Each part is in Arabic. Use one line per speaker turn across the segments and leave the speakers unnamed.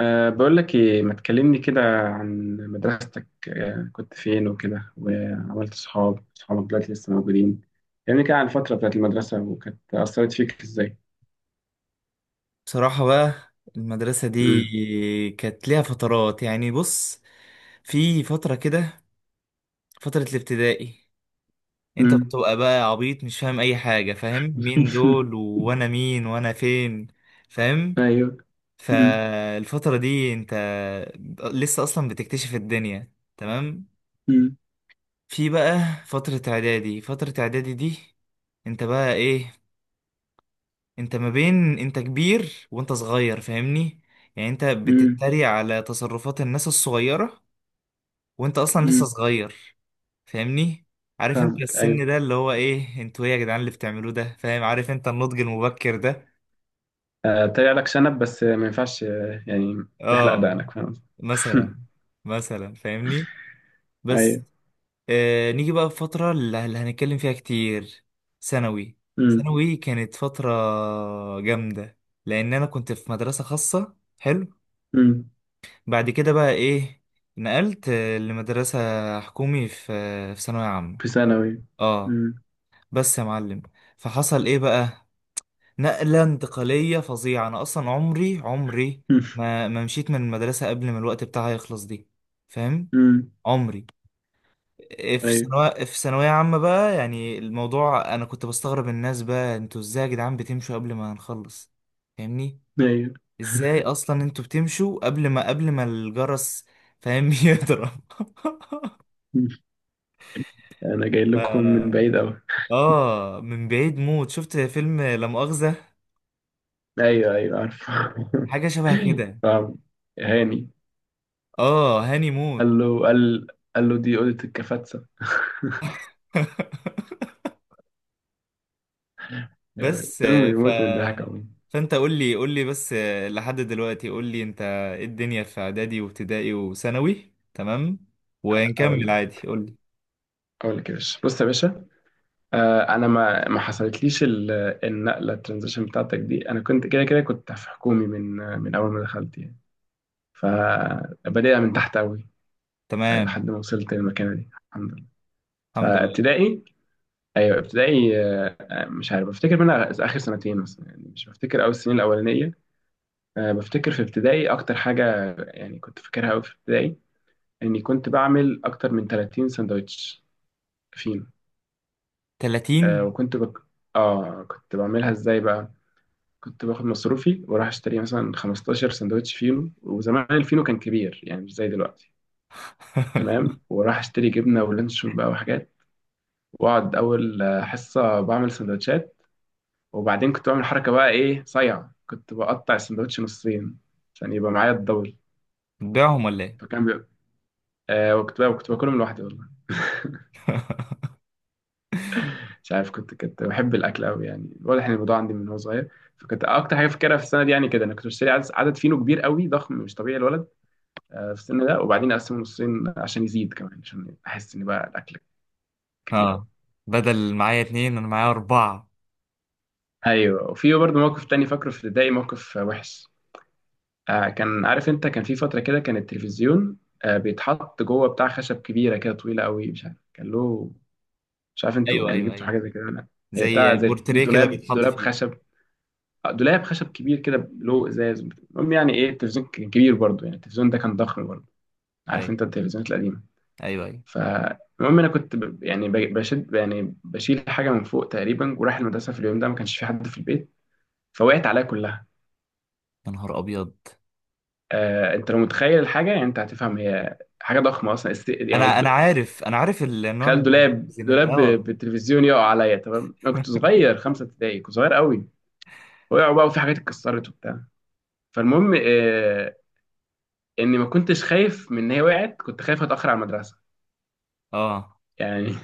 بقول لك، إيه ما تكلمني كده عن مدرستك، كنت فين وكده، وعملت صحابك دلوقتي لسه موجودين؟ كلمني كده عن الفترة بتاعت المدرسة وكانت أثرت فيك إزاي.
بصراحة بقى المدرسة
مم.
دي كانت ليها فترات، يعني بص. في فترة كده، فترة الابتدائي، انت
مم.
بتبقى بقى عبيط، مش فاهم اي حاجة، فاهم مين دول وانا مين وانا فين، فاهم؟
أيوه. مم.
فالفترة دي انت لسه اصلا بتكتشف الدنيا، تمام.
مم.
في بقى فترة اعدادي، فترة اعدادي دي انت بقى ايه؟ انت ما بين انت كبير وانت صغير، فاهمني؟ يعني انت
مم.
بتتريق على تصرفات الناس الصغيرة وانت اصلا لسه
مم.
صغير، فاهمني؟ عارف انت
فاهمك،
السن
أيوه.
ده اللي هو ايه؟ انتوا ايه يا جدعان اللي بتعملوه ده؟ فاهم؟ عارف انت النضج المبكر ده؟
طلع لك شنب بس ما ينفعش، يعني تحلق
اه،
دقنك، فاهم.
مثلا. مثلا فاهمني؟ بس
أيوه.
نيجي بقى في فترة اللي هنتكلم فيها كتير. ثانوي.
مم.
ثانوي كانت فترة جامدة لأن أنا كنت في مدرسة خاصة، حلو.
مم.
بعد كده بقى ايه؟ نقلت، لمدرسة حكومي، في ثانوية عامة.
في ثانوي.
اه.
مم.
بس يا معلم، فحصل ايه بقى؟ نقلة انتقالية فظيعة. انا اصلا عمري عمري ما مشيت من المدرسة قبل ما الوقت بتاعها يخلص دي، فاهم؟
مم.
عمري! في
أيوه.
ثانوية، في ثانوية عامة بقى، يعني الموضوع انا كنت بستغرب الناس. بقى انتوا ازاي يا جدعان بتمشوا قبل ما هنخلص؟ فاهمني؟
أيوه.
ازاي اصلا انتوا بتمشوا قبل ما الجرس، فاهم، يضرب؟
أنا جاي
ف...
لكم من بعيد أوي.
اه، من بعيد موت. شفت فيلم لا مؤاخذة؟
ايوه ايوه عارف.
حاجة شبه كده.
فاهم. هاني.
اه، هاني موت.
قال له. قال له دي اوضه الكفاتسه. يعني
بس آه،
فيلم
ف
يموت من الضحك عموما.
فانت قول لي بس، لحد دلوقتي، قول لي انت ايه الدنيا في اعدادي وابتدائي وثانوي، تمام،
اقول
ونكمل
لك
عادي. قول لي.
اقول لك يا باشا، بص يا باشا. انا ما حصلتليش النقله، الترانزيشن بتاعتك دي. انا كنت كده كده كنت في حكومي من اول ما دخلت يعني. فبدأت من تحت قوي،
تمام.
لحد ما وصلت للمكانه دي، الحمد لله.
الحمد لله.
فابتدائي، ايوه ابتدائي. مش عارف بفتكر منها اخر سنتين مثلا، يعني مش بفتكر اول السنين الاولانيه. بفتكر في ابتدائي أكتر حاجة، يعني كنت فاكرها أوي في ابتدائي، إني كنت بعمل أكتر من 30 سندوتش. فين؟ أه
30.
وكنت بك... كنت بعملها إزاي بقى. كنت باخد مصروفي وأروح أشتري مثلا 15 سندوتش فينو، وزمان الفينو كان كبير يعني مش زي دلوقتي. تمام، وراح أشتري جبنة ولانشون بقى وحاجات، وأقعد أول حصة بعمل سندوتشات. وبعدين كنت بعمل حركة بقى إيه صايعة، كنت بقطع السندوتش نصين عشان يبقى معايا الدبل.
بتبيعهم ولا ايه؟
فكان بيبقى وكنت باكلهم لوحدي والله. مش عارف، كنت بحب الاكل قوي، يعني واضح ان الموضوع عندي من هو صغير. فكنت اكتر حاجه فاكرها في السنه دي، يعني كده انا كنت بشتري عدد فينو كبير قوي ضخم مش طبيعي الولد في السن ده، وبعدين اقسمه نصين عشان يزيد كمان، عشان احس ان بقى الاكل كتير قوي.
اه، بدل معايا اتنين انا معايا اربعة.
ايوه، وفي برضه موقف تاني فاكره في ابتدائي، موقف وحش. كان، عارف انت، كان في فتره كده كان التلفزيون بيتحط جوه بتاع خشب كبيره كده، طويله قوي، مش عارف كان له. مش عارف انتوا
ايوه،
يعني
ايوه،
جبتوا
ايوه.
حاجه زي كده ولا لا. هي بتاع
زي
زي
بورتريه كده بيتحط
دولاب
فيه.
خشب، دولاب خشب كبير كده له ازاز. المهم يعني ايه، التلفزيون كان كبير برضه، يعني التلفزيون ده كان ضخم برضه، عارف
ايوه،
انت التلفزيونات القديمه.
ايوه، ايوه.
فالمهم انا كنت يعني بشد، يعني بشيل حاجه من فوق تقريبا، ورايح المدرسه في اليوم ده، ما كانش في حد في البيت، فوقعت عليا كلها.
يا نهار ابيض!
انت لو متخيل الحاجه يعني انت هتفهم، هي حاجه ضخمه اصلا يعني
انا عارف، انا عارف النوع
تخيل
من
دولاب
الزينات ده. اه.
بالتلفزيون يقع عليا. تمام، انا كنت صغير، خمسه ابتدائي، كنت صغير قوي. وقعوا بقى وفي حاجات اتكسرت وبتاع. فالمهم اني ما كنتش خايف من ان هي وقعت، كنت خايف اتاخر على المدرسه
اه.
يعني.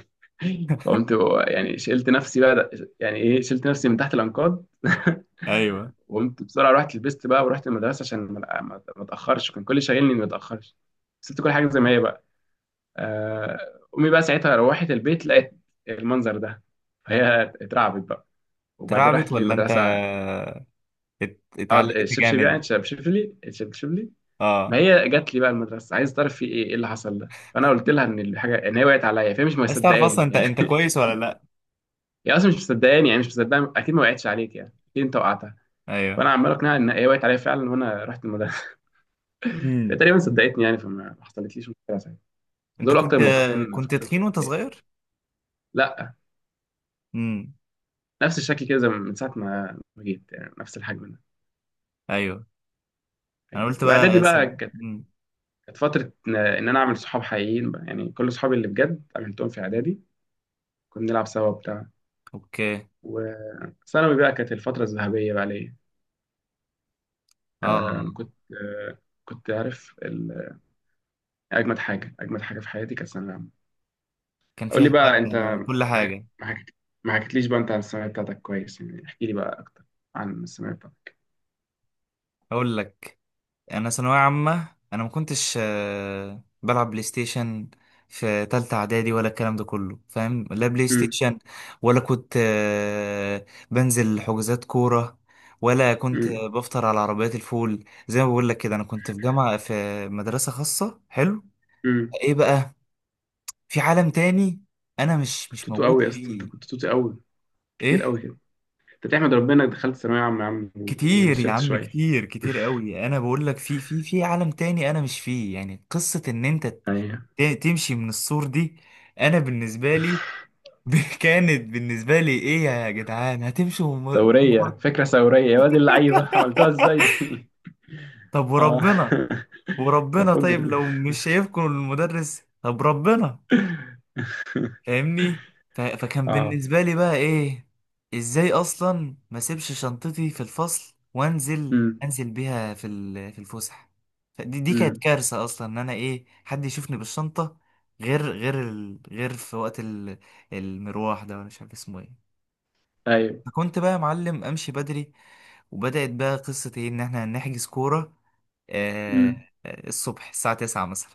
فقمت يعني، شلت نفسي بقى، يعني ايه، شلت نفسي من تحت الانقاض.
ايوه.
وقمت بسرعه، رحت لبست بقى ورحت المدرسه عشان ما اتاخرش، كان كل اللي شاغلني اني ما اتاخرش. سبت كل حاجه زي ما هي بقى. آه، امي بقى ساعتها روحت البيت، لقيت المنظر ده، فهي اترعبت بقى وبعدين
اترعبت
راحت
ولا انت
للمدرسه. اه
اتعلقت
الشبشب،
جامد؟
يعني شبشب لي، الشبشب لي. ما
اه.
هي جات لي بقى المدرسه عايز تعرف في ايه، اللي حصل ده. فانا قلت لها ان الحاجه، ان هي وقعت عليا، فهي مش
عايز تعرف اصلا
مصدقاني،
انت
يعني
انت كويس ولا لا.
هي اصلا مش مصدقاني، يعني مش مصدقاني، اكيد ما وقعتش عليك يعني، اكيد انت وقعتها.
ايوه.
فانا عمال اقنعها ان هي وقعت عليا فعلا، وانا رحت المدرسه. فهي
امم.
تقريبا صدقتني يعني، فما ما حصلتليش مشكله ساعتها.
انت
دول
كنت،
اكتر موقفين
كنت
فكرت
تخين وانت
فيهم.
صغير؟
لا،
امم.
نفس الشكل كده، زي من ساعه ما جيت، يعني نفس الحجم ده.
ايوه. انا
أيوة.
قلت
واعدادي
بقى
بقى كانت،
مم.
كانت فتره إن انا اعمل صحاب حقيقيين بقى، يعني كل صحابي اللي بجد عملتهم في اعدادي، كنا بنلعب سوا وبتاع.
اوكي.
ثانوي بقى كانت الفترة الذهبية بقى ليا.
اه،
آه كنت آه كنت عارف ال- أجمد حاجة في حياتي كانت ثانوية عامة.
كان
قول
فيها
لي بقى، أنت
بقى كل حاجه.
ما حكيتليش بقى أنت عن الثانوية بتاعتك كويس، يعني احكي لي بقى أكتر عن الثانوية بتاعتك.
اقول لك. يعني انا ثانويه عامه انا ما كنتش، بلعب بلاي ستيشن في تالتة اعدادي ولا الكلام ده كله، فاهم؟ لا بلاي
أمم.
ستيشن ولا كنت، بنزل حجوزات كوره، ولا كنت
أمم.
بفطر على عربيات الفول. زي ما بقول لك كده، انا كنت في جامعه، في مدرسه خاصه، حلو.
أمم.
ايه بقى؟ في عالم تاني انا مش
كنت
مش
توتو
موجود
قوي يا اسطى، أنت
فيه.
كنت توتو قوي، كتير
ايه؟
قوي كده. أنت تحمد ربنا إنك دخلت ثانوية عامة يا عم
كتير يا
ونشفت
عم،
شوية.
كتير، كتير قوي. انا بقول لك في في عالم تاني انا مش فيه. يعني قصة ان انت
أيوه.
تمشي من السور دي، انا بالنسبه لي كانت بالنسبه لي ايه يا جدعان هتمشوا وم...
فكرة ثورية يا واد، اللعيبة عملتوها إزاي دي؟
طب
آه
وربنا.
ده
وربنا طيب
فجر.
لو مش شايفكم المدرس طب ربنا، فاهمني؟ فكان
اه.
بالنسبة لي بقى ايه؟ ازاي اصلا ما اسيبش شنطتي في الفصل وانزل،
امم.
انزل بيها في الفسح! فدي دي كانت
امم.
كارثة اصلا ان انا ايه حد يشوفني بالشنطة، غير غير في وقت المروح ده، ولا مش عارف اسمه ايه.
ايوه.
فكنت بقى يا معلم امشي بدري، وبدأت بقى قصة ايه ان احنا نحجز كورة آه...
امم.
الصبح الساعة 9 مثلا،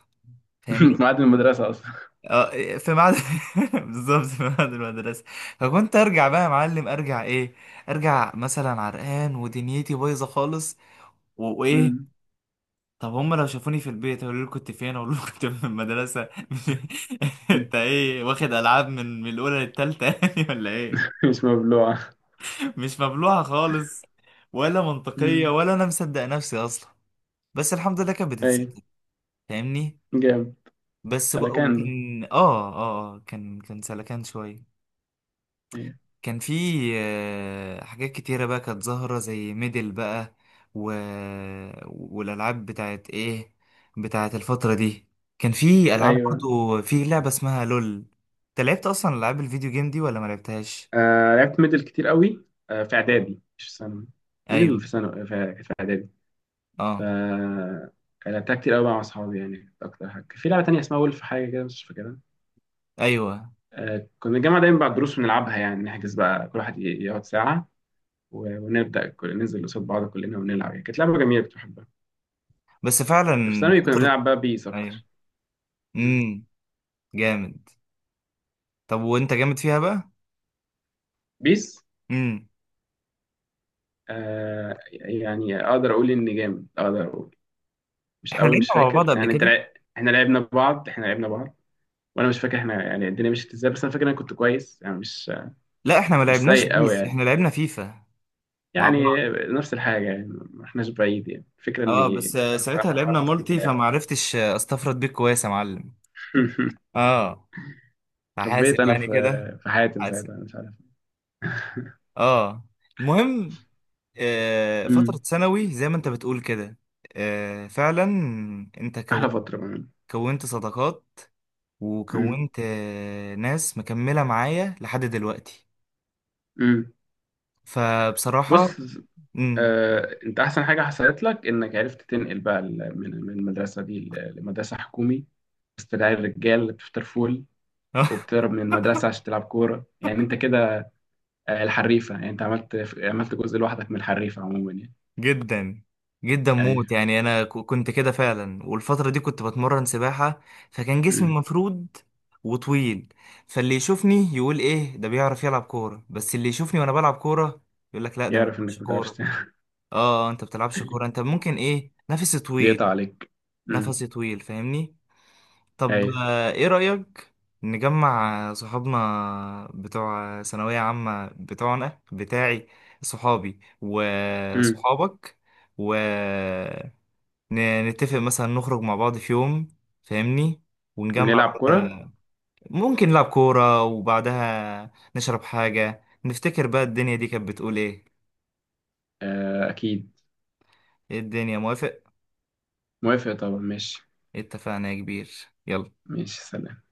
فاهمني؟
معاد المدرسة اصلا.
اه، في ميعاد، بالظبط في ميعاد المدرسة. فكنت ارجع بقى يا معلم، ارجع ايه؟ ارجع مثلا عرقان ودنيتي بايظة خالص، وايه.
امم.
طب هم لو شافوني في البيت هيقولوا لي كنت فين؟ اقول لهم كنت في المدرسة. انت ايه واخد العاب من من الاولى للتالتة يعني ولا ايه؟
مش مبلوعة.
مش مبلوعة خالص، ولا منطقية،
امم.
ولا انا مصدق نفسي اصلا. بس الحمد لله كانت
ايوه.
بتتستر، فاهمني؟
جامد.
بس بقى،
سلكان ده.
وكان كان كان سلكان شوية.
ايوه
كان في، حاجات كتيرة بقى كانت ظاهرة زي ميدل بقى، و... والألعاب بتاعت إيه، بتاعت الفترة دي. كان في ألعاب
ايوه.
برضو، في لعبة اسمها لول. أنت لعبت أصلا ألعاب الفيديو جيم دي ولا ما لعبتهاش؟
لعبت ميدل كتير قوي، في اعدادي مش في ثانوي. ميدل
أيوه.
في ثانوي في اعدادي. ف
أه.
كان لعبتها كتير قوي بقى مع اصحابي يعني، كانت اكتر حاجة. في لعبة تانية اسمها ولف، حاجة كده مش فاكرها.
أيوه.
كنا الجامعة دايما بعد الدروس بنلعبها، يعني نحجز بقى كل واحد يقعد ساعة، ونبدأ ننزل قصاد بعض كلنا ونلعب، يعني كانت لعبة جميلة كنت بحبها.
بس فعلا.
في ثانوي كنا
فترة.
بنلعب بقى بيس
أيوه.
اكتر. مم.
أمم. جامد. طب وأنت جامد فيها بقى؟
بيس،
أمم.
يعني اقدر اقول ان جامد، اقدر اقول مش
إحنا
قوي،
لعبنا
مش
مع
فاكر
بعض قبل
يعني. انت
كده؟
احنا لعبنا بعض، احنا لعبنا بعض، وانا مش فاكر احنا يعني الدنيا مشيت ازاي، بس انا فاكر إن انا كنت كويس يعني، مش
لا، إحنا ما
مش
لعبناش
سيء قوي
بيس،
يعني،
إحنا لعبنا فيفا مع
يعني
بعض.
نفس الحاجه يعني، ما احناش بعيد، يعني الفكره
اه بس
اني
آه، ساعتها لعبنا
بعرف أسكت
مالتي
بلاعب.
فمعرفتش، استفرد بيك كويس يا معلم. اه،
خبيت
فحاسب
انا
يعني كده،
في حياتي من
حاسب.
ساعتها أنا مش عارف.
اه. المهم، آه، فترة
امم.
ثانوي زي ما انت بتقول كده، آه، فعلا انت
احلى
كونت،
فتره بقى.
كونت صداقات،
امم.
وكونت آه ناس مكملة معايا لحد دلوقتي.
امم.
فبصراحة.
بص،
امم.
انت احسن حاجه حصلت لك انك عرفت تنقل بقى من المدرسه دي لمدرسه حكومي، وسط العيال الرجال اللي بتفطر فول وبتهرب من المدرسه عشان تلعب كوره، يعني انت كده الحريفه، يعني انت عملت جزء لوحدك من الحريفه عموما يعني.
جدا، جدا
ايوه.
موت. يعني انا كنت كده فعلا، والفتره دي كنت بتمرن سباحه، فكان جسمي
امم.
مفرود وطويل. فاللي يشوفني يقول ايه ده بيعرف يلعب كوره، بس اللي يشوفني وانا بلعب كوره يقول لك لا ده ما
يعرف
بيلعبش
انك ما بتعرفش
كوره.
تعمل.
اه، انت بتلعبش كوره، انت ممكن ايه، نفسي طويل.
بيقطع عليك. امم.
نفسي طويل، فاهمني؟ طب
ايوه.
آه، ايه رأيك نجمع صحابنا بتوع ثانوية عامة، بتوعنا، بتاعي، صحابي
امم.
وصحابك، ونتفق مثلا نخرج مع بعض في يوم، فاهمني، ونجمع
ونلعب كوره.
بقى، ممكن نلعب كورة وبعدها نشرب حاجة، نفتكر بقى الدنيا دي كانت بتقول ايه.
اكيد.
ايه الدنيا، موافق؟
موافق طبعا، ماشي.
اتفقنا يا كبير. يلا.
ماشي، سلام.